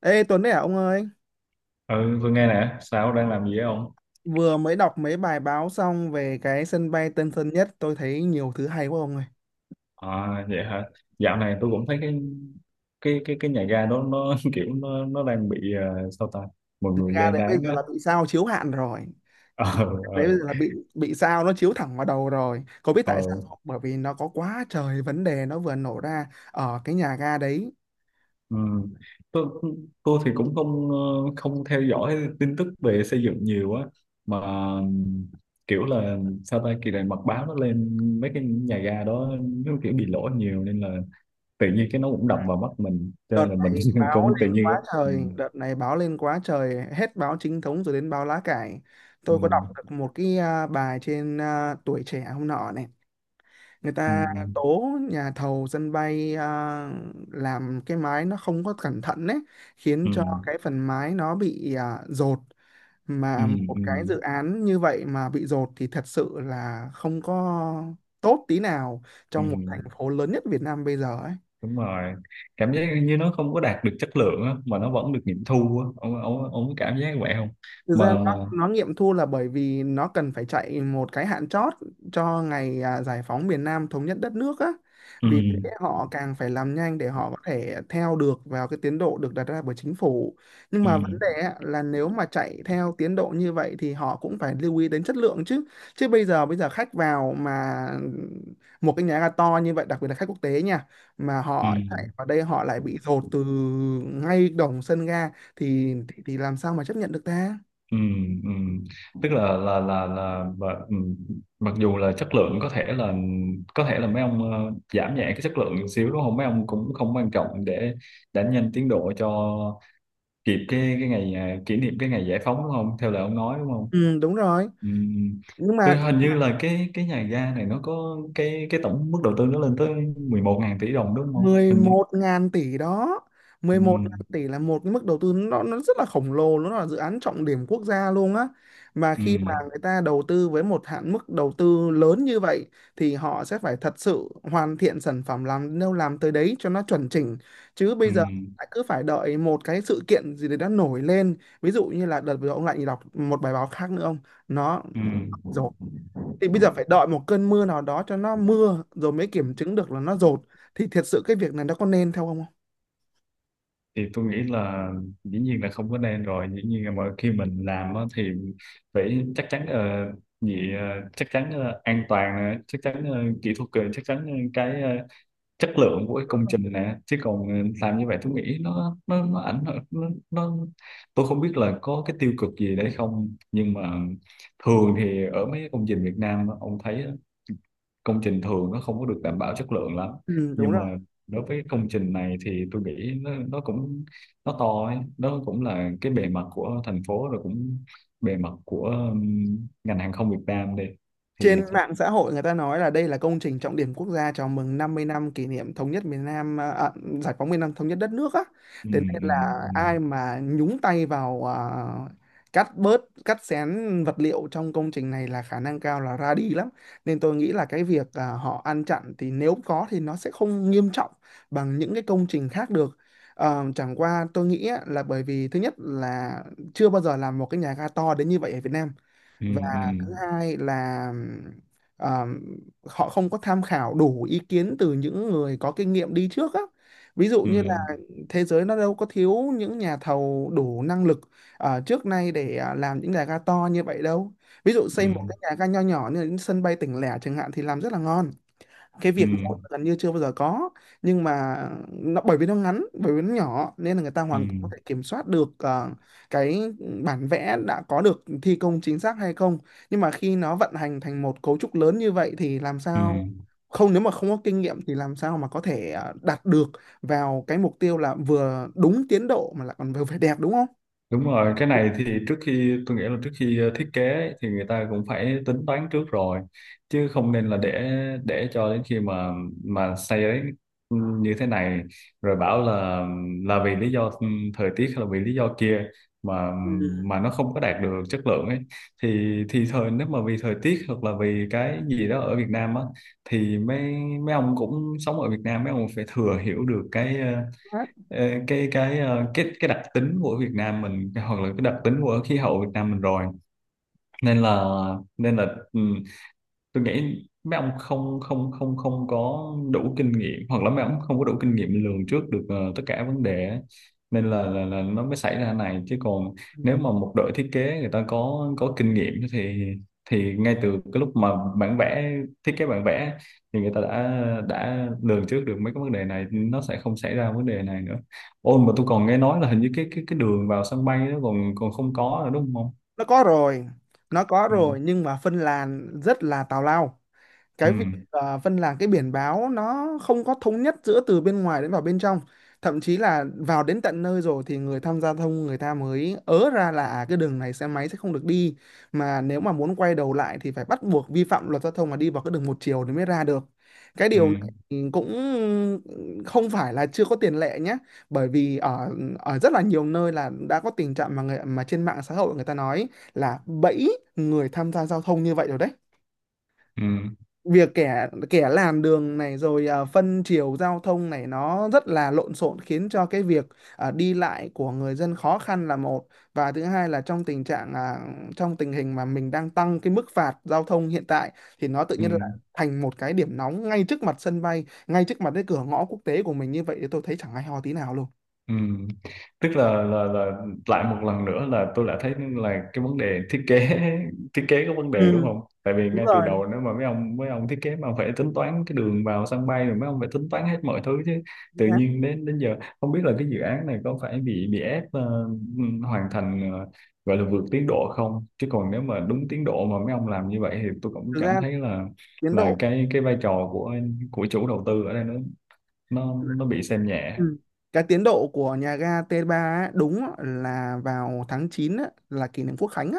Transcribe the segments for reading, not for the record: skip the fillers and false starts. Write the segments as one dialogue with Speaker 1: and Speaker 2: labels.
Speaker 1: Ê Tuấn đấy à ông ơi,
Speaker 2: Ừ, tôi nghe nè, sao đang làm gì ấy ông?
Speaker 1: vừa mới đọc mấy bài báo xong về cái sân bay Tân Sơn Nhất, tôi thấy nhiều thứ hay quá ông ơi.
Speaker 2: À, vậy hả? Dạo này tôi cũng thấy cái nhà ga đó nó kiểu nó đang bị sao ta? Mọi người
Speaker 1: Ga
Speaker 2: lên
Speaker 1: đấy bây
Speaker 2: đáng
Speaker 1: giờ
Speaker 2: á.
Speaker 1: là bị sao chiếu hạn rồi.
Speaker 2: Ờ,
Speaker 1: Đấy
Speaker 2: ờ,
Speaker 1: bây giờ là bị sao nó chiếu thẳng vào đầu rồi. Có biết
Speaker 2: ờ.
Speaker 1: tại sao không? Bởi vì nó có quá trời vấn đề nó vừa nổ ra ở cái nhà ga đấy.
Speaker 2: Ừ. Tôi tôi thì cũng không không theo dõi tin tức về xây dựng nhiều á, mà kiểu là sao ta kỳ này mật báo nó lên mấy cái nhà ga đó nó kiểu bị lỗi nhiều, nên là tự nhiên cái nó cũng đập vào mắt mình, cho
Speaker 1: Đợt
Speaker 2: nên là mình
Speaker 1: này báo
Speaker 2: cũng tự
Speaker 1: lên
Speaker 2: nhiên á.
Speaker 1: quá
Speaker 2: Ừ.
Speaker 1: trời, đợt này báo lên quá trời, hết báo chính thống rồi đến báo lá cải.
Speaker 2: Ừ.
Speaker 1: Tôi có đọc được một cái bài trên Tuổi Trẻ hôm nọ này, người
Speaker 2: Ừ.
Speaker 1: ta tố nhà thầu sân bay làm cái mái nó không có cẩn thận đấy, khiến
Speaker 2: Ừ,
Speaker 1: cho cái phần mái nó bị dột.
Speaker 2: ừ,
Speaker 1: Mà một
Speaker 2: ừ,
Speaker 1: cái dự án như vậy mà bị dột thì thật sự là không có tốt tí nào,
Speaker 2: ừ,
Speaker 1: trong một thành phố lớn nhất Việt Nam bây giờ ấy.
Speaker 2: đúng rồi, cảm giác như nó không có đạt được chất lượng á, mà nó vẫn được nghiệm thu á, ông có cảm giác vậy không?
Speaker 1: Thực ra
Speaker 2: Mà mà
Speaker 1: nó nghiệm thu là bởi vì nó cần phải chạy một cái hạn chót cho ngày giải phóng miền Nam thống nhất đất nước á.
Speaker 2: Ừ,
Speaker 1: Vì thế họ càng phải làm nhanh để họ có thể theo được vào cái tiến độ được đặt ra bởi chính phủ. Nhưng
Speaker 2: ừ,
Speaker 1: mà vấn đề á, là nếu mà chạy theo tiến độ như vậy thì họ cũng phải lưu ý đến chất lượng chứ. Chứ bây giờ khách vào mà một cái nhà ga to như vậy, đặc biệt là khách quốc tế nha, mà họ chạy
Speaker 2: ừ,
Speaker 1: vào đây họ lại bị dồn từ ngay đồng sân ga thì thì làm sao mà chấp nhận được ta?
Speaker 2: ừ, ừ, tức là và, mặc dù là chất lượng có thể là mấy ông giảm nhẹ cái chất lượng một xíu đúng không, mấy ông cũng không quan trọng để đánh nhanh tiến độ cho kịp cái ngày kỷ niệm cái ngày giải phóng đúng không, theo lời ông nói đúng không?
Speaker 1: Ừ, đúng rồi.
Speaker 2: Ừ.
Speaker 1: Nhưng
Speaker 2: Tôi
Speaker 1: mà
Speaker 2: hình như là cái nhà ga này nó có cái tổng mức đầu tư nó lên tới 11 ngàn tỷ đồng đúng không?
Speaker 1: mười
Speaker 2: Hình như
Speaker 1: một ngàn tỷ đó, 11 ngàn
Speaker 2: ừ.
Speaker 1: tỷ là một cái mức đầu tư nó rất là khổng lồ, nó là dự án trọng điểm quốc gia luôn á. Mà
Speaker 2: Ừ.
Speaker 1: khi mà người ta đầu tư với một hạn mức đầu tư lớn như vậy thì họ sẽ phải thật sự hoàn thiện sản phẩm, làm đâu làm tới đấy cho nó chuẩn chỉnh. Chứ bây
Speaker 2: Ừ.
Speaker 1: giờ lại cứ phải đợi một cái sự kiện gì đấy đã nổi lên, ví dụ như là đợt vừa ông lại đọc một bài báo khác nữa ông, nó
Speaker 2: Ừ.
Speaker 1: thì bây giờ phải đợi một cơn mưa nào đó cho nó mưa rồi mới kiểm chứng được là nó dột, thì thiệt sự cái việc này nó có nên theo không?
Speaker 2: Thì tôi nghĩ là dĩ nhiên là không có nên rồi, dĩ nhiên là mỗi khi mình làm á thì phải chắc chắn gì chắc chắn an toàn nè, chắc chắn kỹ thuật chắc chắn cái chất lượng của cái công trình nè, chứ còn làm như vậy tôi nghĩ nó ảnh hưởng nó tôi không biết là có cái tiêu cực gì đấy không, nhưng mà thường thì ở mấy công trình Việt Nam ông thấy á, công trình thường nó không có được đảm bảo chất lượng lắm,
Speaker 1: Ừ, đúng
Speaker 2: nhưng
Speaker 1: rồi.
Speaker 2: mà đối với công trình này thì tôi nghĩ nó cũng nó to ấy. Nó cũng là cái bề mặt của thành phố, rồi cũng bề mặt của ngành hàng không Việt Nam đi.
Speaker 1: Trên
Speaker 2: Thì-
Speaker 1: mạng xã hội người ta nói là đây là công trình trọng điểm quốc gia chào mừng 50 năm kỷ niệm thống nhất miền Nam giải phóng miền Nam thống nhất đất nước á. Thế
Speaker 2: Ừm,
Speaker 1: nên là ai mà nhúng tay vào cắt bớt, cắt xén vật liệu trong công trình này là khả năng cao là ra đi lắm. Nên tôi nghĩ là cái việc họ ăn chặn thì nếu có thì nó sẽ không nghiêm trọng bằng những cái công trình khác được. Ờ, chẳng qua tôi nghĩ á, là bởi vì thứ nhất là chưa bao giờ làm một cái nhà ga to đến như vậy ở Việt Nam, và
Speaker 2: ừm,
Speaker 1: thứ
Speaker 2: ừm,
Speaker 1: hai là ờ, họ không có tham khảo đủ ý kiến từ những người có kinh nghiệm đi trước á, ví dụ như là
Speaker 2: ừm.
Speaker 1: thế giới nó đâu có thiếu những nhà thầu đủ năng lực trước nay để làm những nhà ga to như vậy đâu. Ví dụ
Speaker 2: Ừ,
Speaker 1: xây một cái nhà ga nho nhỏ như là những sân bay tỉnh lẻ chẳng hạn thì làm rất là ngon, cái
Speaker 2: ừ,
Speaker 1: việc gần như chưa bao giờ có. Nhưng mà nó bởi vì nó ngắn, bởi vì nó nhỏ, nên là người ta
Speaker 2: ừ,
Speaker 1: hoàn toàn có thể kiểm soát được cái bản vẽ đã có được thi công chính xác hay không. Nhưng mà khi nó vận hành thành một cấu trúc lớn như vậy thì làm
Speaker 2: ừ.
Speaker 1: sao không, nếu mà không có kinh nghiệm thì làm sao mà có thể đạt được vào cái mục tiêu là vừa đúng tiến độ mà lại còn vừa phải đẹp đúng không.
Speaker 2: Đúng rồi, cái này thì trước khi tôi nghĩ là trước khi thiết kế ấy, thì người ta cũng phải tính toán trước rồi, chứ không nên là để cho đến khi mà xây đến như thế này rồi bảo là vì lý do thời tiết hay là vì lý do kia, mà
Speaker 1: Ừ.
Speaker 2: mà nó không có đạt được chất lượng ấy, thì thời nếu mà vì thời tiết hoặc là vì cái gì đó ở Việt Nam á, thì mấy mấy ông cũng sống ở Việt Nam, mấy ông phải thừa hiểu được cái Ờ, cái đặc tính của Việt Nam mình, hoặc là cái đặc tính của khí hậu Việt Nam mình rồi, nên là nên là ừ, tôi nghĩ mấy ông không không không không có đủ kinh nghiệm, hoặc là mấy ông không có đủ kinh nghiệm lường trước được tất cả vấn đề á. Nên là, nó mới xảy ra này, chứ còn
Speaker 1: Ừ.
Speaker 2: nếu mà một đội thiết kế người ta có kinh nghiệm thì ngay từ cái lúc mà bản vẽ thiết kế bản vẽ thì người ta đã lường trước được mấy cái vấn đề này, nó sẽ không xảy ra vấn đề này nữa. Ôi mà tôi còn nghe nói là hình như cái đường vào sân bay nó còn còn không có nữa đúng không?
Speaker 1: Nó có rồi, nó có
Speaker 2: Ừ,
Speaker 1: rồi, nhưng mà phân làn rất là tào lao.
Speaker 2: ừ,
Speaker 1: Cái việc phân là cái biển báo nó không có thống nhất giữa từ bên ngoài đến vào bên trong, thậm chí là vào đến tận nơi rồi thì người tham gia giao thông người ta mới ớ ra là cái đường này xe máy sẽ không được đi, mà nếu mà muốn quay đầu lại thì phải bắt buộc vi phạm luật giao thông mà đi vào cái đường một chiều thì mới ra được. Cái điều này
Speaker 2: ừ,
Speaker 1: thì cũng không phải là chưa có tiền lệ nhé, bởi vì ở ở rất là nhiều nơi là đã có tình trạng mà người, mà trên mạng xã hội người ta nói là bẫy người tham gia giao thông như vậy rồi đấy.
Speaker 2: ừ,
Speaker 1: Việc kẻ kẻ làm đường này rồi phân chiều giao thông này nó rất là lộn xộn, khiến cho cái việc đi lại của người dân khó khăn là một, và thứ hai là trong tình trạng trong tình hình mà mình đang tăng cái mức phạt giao thông hiện tại, thì nó tự
Speaker 2: ừ.
Speaker 1: nhiên là thành một cái điểm nóng ngay trước mặt sân bay, ngay trước mặt cái cửa ngõ quốc tế của mình, như vậy thì tôi thấy chẳng hay ho tí nào luôn.
Speaker 2: Ừ. Tức là, lại một lần nữa là tôi đã thấy là cái vấn đề thiết kế thiết kế có vấn đề
Speaker 1: Ừ,
Speaker 2: đúng không? Tại vì
Speaker 1: đúng
Speaker 2: ngay từ
Speaker 1: rồi.
Speaker 2: đầu nếu mà mấy ông thiết kế mà phải tính toán cái đường vào sân bay, rồi mấy ông phải tính toán hết mọi thứ chứ. Tự nhiên đến đến giờ không biết là cái dự án này có phải bị ép hoàn thành gọi là vượt tiến độ không? Chứ còn nếu mà đúng tiến độ mà mấy ông làm như vậy thì tôi cũng
Speaker 1: Thực
Speaker 2: cảm
Speaker 1: ra
Speaker 2: thấy
Speaker 1: tiến
Speaker 2: là
Speaker 1: độ.
Speaker 2: cái vai trò của chủ đầu tư ở đây nó bị xem nhẹ.
Speaker 1: Ừ. Cái tiến độ của nhà ga T3 á, đúng á, là vào tháng 9 á, là kỷ niệm Quốc Khánh á,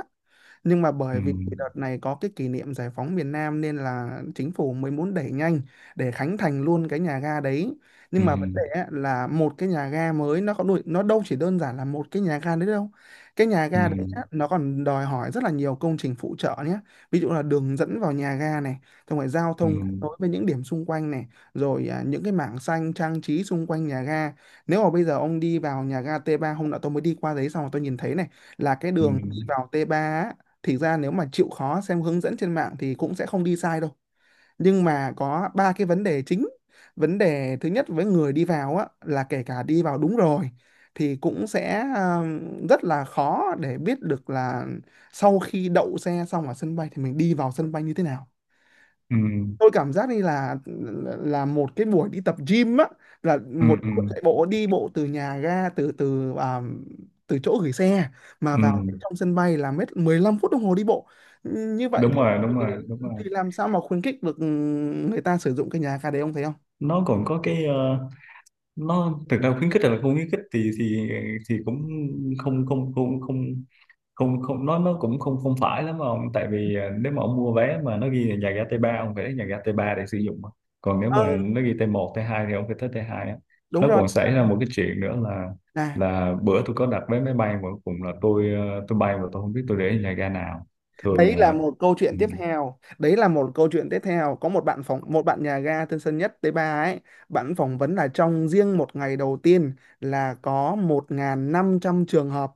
Speaker 1: nhưng mà
Speaker 2: Ừ.
Speaker 1: bởi vì đợt này có cái kỷ niệm giải phóng miền Nam nên là chính phủ mới muốn đẩy nhanh để khánh thành luôn cái nhà ga đấy.
Speaker 2: Ừ.
Speaker 1: Nhưng mà vấn đề á là một cái nhà ga mới, nó có đuổi, nó đâu chỉ đơn giản là một cái nhà ga đấy đâu. Cái nhà
Speaker 2: Ừ,
Speaker 1: ga đấy á, nó còn đòi hỏi rất là nhiều công trình phụ trợ nhé, ví dụ là đường dẫn vào nhà ga này, xong rồi giao
Speaker 2: ừ,
Speaker 1: thông kết nối với những điểm xung quanh này, rồi những cái mảng xanh trang trí xung quanh nhà ga. Nếu mà bây giờ ông đi vào nhà ga T3, hôm nọ tôi mới đi qua đấy xong rồi tôi nhìn thấy này, là cái
Speaker 2: ừ,
Speaker 1: đường đi vào T3, thì ra nếu mà chịu khó xem hướng dẫn trên mạng thì cũng sẽ không đi sai đâu. Nhưng mà có ba cái vấn đề chính. Vấn đề thứ nhất, với người đi vào á, là kể cả đi vào đúng rồi thì cũng sẽ rất là khó để biết được là sau khi đậu xe xong ở sân bay thì mình đi vào sân bay như thế nào.
Speaker 2: ừ,
Speaker 1: Tôi cảm giác như là một cái buổi đi tập gym á, là
Speaker 2: ừ,
Speaker 1: một
Speaker 2: ừ,
Speaker 1: buổi chạy bộ đi bộ từ nhà ga từ từ à, từ chỗ gửi xe mà
Speaker 2: ừ.
Speaker 1: vào trong sân bay là mất 15 phút đồng hồ đi bộ. Như vậy
Speaker 2: Đúng
Speaker 1: thì
Speaker 2: rồi, đúng rồi, đúng rồi.
Speaker 1: làm sao mà khuyến khích được người ta sử dụng cái nhà ga đấy ông thấy không?
Speaker 2: Nó còn có cái nó thực ra khuyến khích hay là không khuyến khích thì thì cũng không không không không không không nó cũng không không phải lắm ông, tại vì nếu mà ông mua vé mà nó ghi là nhà ga T3 ông phải đến nhà ga t ba để sử dụng mà. Còn nếu
Speaker 1: Ờ,
Speaker 2: mà nó ghi T1 T2 thì ông phải tới T2 á.
Speaker 1: đúng
Speaker 2: Nó
Speaker 1: rồi.
Speaker 2: còn xảy ra một cái chuyện nữa là
Speaker 1: Là
Speaker 2: bữa tôi có đặt vé máy bay mà cuối cùng là tôi tôi bay mà tôi không biết tôi để ở nhà ga nào, thường
Speaker 1: đấy là
Speaker 2: là
Speaker 1: một câu chuyện
Speaker 2: ừ,
Speaker 1: tiếp theo, đấy là một câu chuyện tiếp theo. Có một bạn phỏng, một bạn nhà ga Tân Sơn Nhất t ba ấy, bạn phỏng vấn là trong riêng một ngày đầu tiên là có 1.500 trường hợp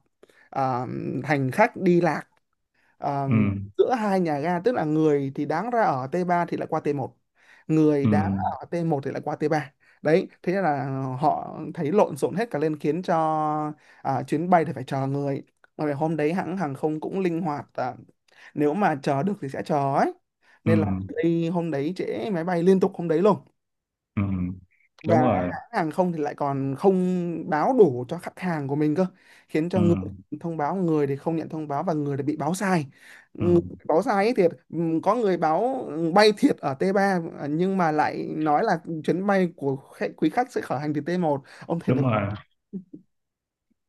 Speaker 1: à, hành khách đi lạc. Ờ,
Speaker 2: ừ,
Speaker 1: giữa hai nhà ga, tức là người thì đáng ra ở T3 thì lại qua T1, người
Speaker 2: ừ,
Speaker 1: đáng ở T1 thì lại qua T3. Đấy, thế nên là họ thấy lộn xộn hết cả lên, khiến cho chuyến bay thì phải chờ người. Mà về hôm đấy hãng hàng không cũng linh hoạt nếu mà chờ được thì sẽ chờ ấy,
Speaker 2: ừ,
Speaker 1: nên là đi hôm đấy trễ máy bay liên tục hôm đấy luôn.
Speaker 2: ừ, ừ.
Speaker 1: Và
Speaker 2: Đúng rồi,
Speaker 1: hãng hàng không thì lại còn không báo đủ cho khách hàng của mình cơ, khiến cho
Speaker 2: ừ,
Speaker 1: người thông báo, người thì không nhận thông báo, và người thì bị báo sai.
Speaker 2: ừ,
Speaker 1: Người bị báo sai ấy thiệt có người báo bay thiệt ở t ba nhưng mà lại nói là chuyến bay của khách, quý khách sẽ khởi hành từ t một ông thấy
Speaker 2: đúng
Speaker 1: được.
Speaker 2: rồi.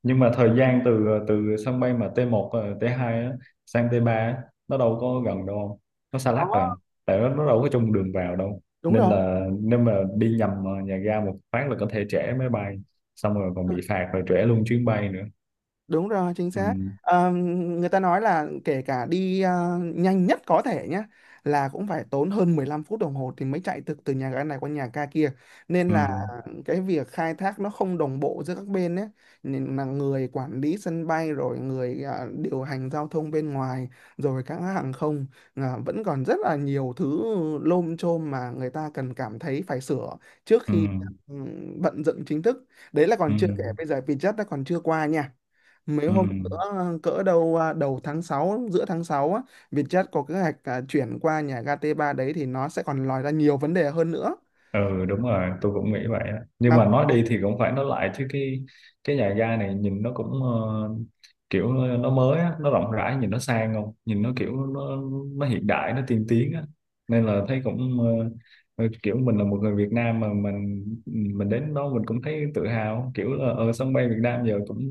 Speaker 2: Nhưng mà thời gian từ từ sân bay mà t một T2 á, sang T3 á, nó đâu có gần đâu, không, nó xa
Speaker 1: Đó.
Speaker 2: lắc rồi, tại nó đâu có chung đường vào đâu,
Speaker 1: Đúng
Speaker 2: nên
Speaker 1: rồi.
Speaker 2: là nếu mà đi nhầm nhà ga một phát là có thể trễ máy bay, xong rồi còn bị phạt, rồi trễ luôn chuyến bay nữa.
Speaker 1: Đúng rồi, chính
Speaker 2: Ừ,
Speaker 1: xác. Ờ, người ta nói là kể cả đi nhanh nhất có thể nhé, là cũng phải tốn hơn 15 phút đồng hồ thì mới chạy từ từ nhà ga này qua nhà ga kia. Nên
Speaker 2: ừ,
Speaker 1: là cái việc khai thác nó không đồng bộ giữa các bên ấy. Nên là người quản lý sân bay rồi người điều hành giao thông bên ngoài, rồi các hãng hàng không vẫn còn rất là nhiều thứ lôm chôm mà người ta cần cảm thấy phải sửa trước
Speaker 2: ừ,
Speaker 1: khi ừ, vận dựng chính thức. Đấy là
Speaker 2: ừ,
Speaker 1: còn chưa kể bây giờ Vietjet đã còn chưa qua nha, mấy
Speaker 2: ừ.
Speaker 1: hôm
Speaker 2: Ừ.
Speaker 1: cỡ đầu tháng 6, giữa tháng 6 á, Vietjet có kế hoạch chuyển qua nhà ga t ba đấy thì nó sẽ còn lòi ra nhiều vấn đề hơn nữa
Speaker 2: Ừ, đúng rồi, tôi cũng nghĩ vậy á. Nhưng
Speaker 1: mà.
Speaker 2: mà nói đi thì cũng phải nói lại chứ, cái nhà ga này nhìn nó cũng kiểu nó mới á, nó rộng rãi, nhìn nó sang, không nhìn nó kiểu nó hiện đại, nó tiên tiến á, nên là thấy cũng kiểu mình là một người Việt Nam mà mình đến đó mình cũng thấy tự hào, kiểu là ở sân bay Việt Nam giờ cũng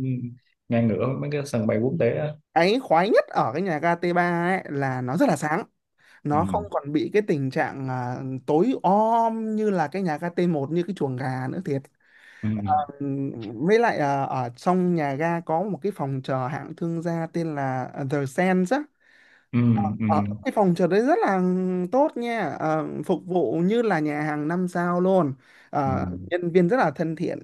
Speaker 2: ngang ngửa với mấy cái sân bay quốc tế á.
Speaker 1: Cái khoái nhất ở cái nhà ga t ba ấy là nó rất là sáng,
Speaker 2: Ừ.
Speaker 1: nó không còn bị cái tình trạng tối om như là cái nhà ga t một như cái chuồng gà nữa thiệt.
Speaker 2: Ừ.
Speaker 1: Ừm, với lại ở trong nhà ga có một cái phòng chờ hạng thương gia tên là The Sands á.
Speaker 2: Ừ. Ừ.
Speaker 1: Ờ, cái phòng trượt đấy rất là tốt nha. Ờ, Phục vụ như là nhà hàng 5 sao luôn.
Speaker 2: Ừ.
Speaker 1: Nhân viên rất là thân thiện.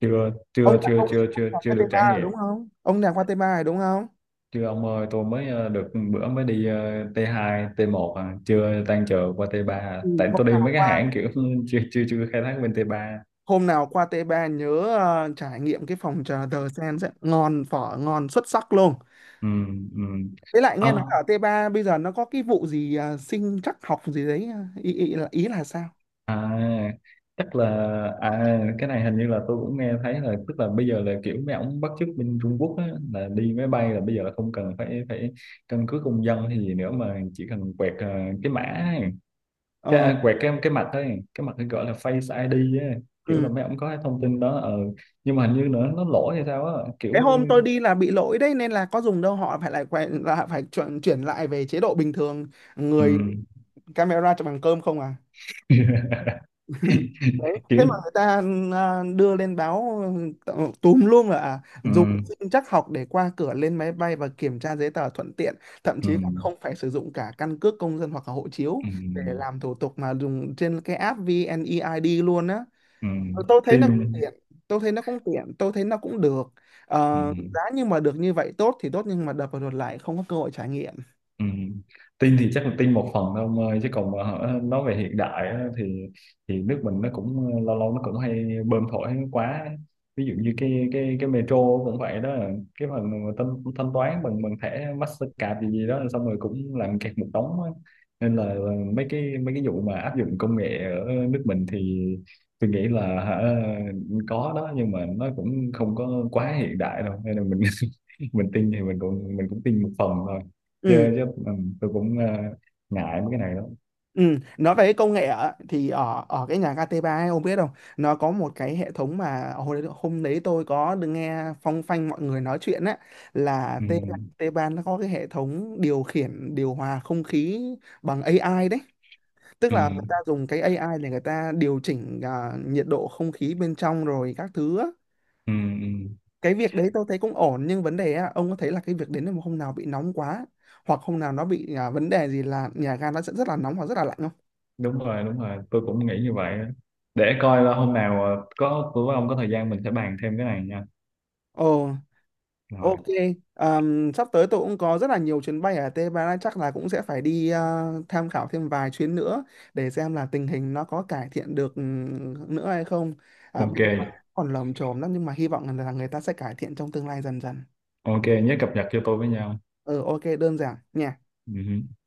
Speaker 2: chưa
Speaker 1: ông
Speaker 2: chưa
Speaker 1: là
Speaker 2: chưa
Speaker 1: ông
Speaker 2: chưa chưa
Speaker 1: là
Speaker 2: chưa
Speaker 1: qua t
Speaker 2: được
Speaker 1: ba
Speaker 2: trải
Speaker 1: rồi
Speaker 2: nghiệm.
Speaker 1: đúng không? Ông là qua t ba rồi đúng không?
Speaker 2: Chưa ông ơi, tôi mới được bữa mới đi T2 T1 à, chưa tan chờ qua T3 à.
Speaker 1: Ừ,
Speaker 2: Tại
Speaker 1: Hôm
Speaker 2: tôi đi
Speaker 1: nào
Speaker 2: mấy cái
Speaker 1: qua,
Speaker 2: hãng kiểu chưa chưa chưa khai thác bên T3.
Speaker 1: t ba nhớ trải nghiệm cái phòng trà The Sen sẽ ngon, phở ngon xuất sắc luôn.
Speaker 2: Ừ, ừ.
Speaker 1: Với lại nghe nói
Speaker 2: Ông
Speaker 1: ở t ba bây giờ nó có cái vụ gì sinh trắc học gì đấy, ý là sao?
Speaker 2: à chắc là cái này hình như là tôi cũng nghe thấy, là tức là bây giờ là kiểu mấy ổng bắt chước bên Trung Quốc á, là đi máy bay là bây giờ là không cần phải phải căn cước công dân hay gì nữa, mà chỉ cần quẹt cái mã, cái
Speaker 1: ờ
Speaker 2: quẹt cái mặt ấy, cái mặt ấy gọi là Face ID ấy. Kiểu
Speaker 1: ừ.
Speaker 2: là mấy ông có cái thông tin đó, nhưng mà hình như nữa nó lỗi hay sao á, kiểu
Speaker 1: Cái hôm tôi đi là bị lỗi đấy nên là có dùng đâu, họ phải lại quay là phải chuyển chuyển lại về chế độ bình thường, người
Speaker 2: ừm,
Speaker 1: camera cho bằng cơm không à. Đấy. Thế
Speaker 2: kiểu
Speaker 1: mà người ta đưa lên báo, ừ, túm luôn là dùng
Speaker 2: ừm,
Speaker 1: sinh trắc học để qua cửa lên máy bay và kiểm tra giấy tờ thuận tiện, thậm chí còn
Speaker 2: ừm,
Speaker 1: không phải sử dụng cả căn cước công dân hoặc là hộ chiếu để
Speaker 2: ừm,
Speaker 1: làm thủ tục mà dùng trên cái app VNeID luôn á.
Speaker 2: ừm,
Speaker 1: Tôi thấy nó cũng
Speaker 2: tin
Speaker 1: tiện, tôi thấy nó cũng được.
Speaker 2: ừm.
Speaker 1: Giá nhưng mà được như vậy tốt thì tốt nhưng mà đập vào đột lại không có cơ hội trải nghiệm.
Speaker 2: Ừ. Tin thì chắc là tin một phần thôi ông ơi, chứ còn mà hả, nói về hiện đại á, thì nước mình nó cũng lâu lâu nó cũng hay bơm thổi quá, ví dụ như cái metro cũng vậy đó, cái phần mà thanh, thanh toán bằng bằng thẻ Mastercard gì gì đó xong rồi cũng làm kẹt một đống á. Nên là mấy cái vụ mà áp dụng công nghệ ở nước mình thì tôi nghĩ là hả, có đó nhưng mà nó cũng không có quá hiện đại đâu, nên là mình mình tin thì mình cũng tin một phần thôi,
Speaker 1: Ừ,
Speaker 2: chưa chứ tôi cũng ngại mấy cái này lắm.
Speaker 1: ừ, nói về cái công nghệ á, thì ở ở cái nhà KT3 ấy, ông biết không, nó có một cái hệ thống mà hồi đấy, hôm đấy tôi có được nghe phong phanh mọi người nói chuyện á, là
Speaker 2: Ừ,
Speaker 1: T3 nó có cái hệ thống điều khiển điều hòa không khí bằng AI đấy, tức
Speaker 2: ừ,
Speaker 1: là người ta dùng cái AI để người ta điều chỉnh nhiệt độ không khí bên trong rồi các thứ á.
Speaker 2: ừ, ừ.
Speaker 1: Cái việc đấy tôi thấy cũng ổn nhưng vấn đề á, ông có thấy là cái việc đến một hôm nào bị nóng quá hoặc hôm nào nó bị vấn đề gì là nhà ga nó sẽ rất là nóng hoặc rất là lạnh không?
Speaker 2: Đúng rồi, đúng rồi, tôi cũng nghĩ như vậy á. Để coi là hôm nào có tôi với ông có thời gian mình sẽ bàn thêm cái này nha.
Speaker 1: Ồ,
Speaker 2: Rồi.
Speaker 1: ok. Sắp tới tôi cũng có rất là nhiều chuyến bay ở Tây Ban Nha chắc là cũng sẽ phải đi tham khảo thêm vài chuyến nữa để xem là tình hình nó có cải thiện được nữa hay không. À,
Speaker 2: Ok,
Speaker 1: bên ngoài còn lởm chởm lắm nhưng mà hy vọng là người ta sẽ cải thiện trong tương lai dần dần.
Speaker 2: ok, nhớ cập nhật cho tôi với nhau.
Speaker 1: Ừ, ok, đơn giản nha.
Speaker 2: Ừ.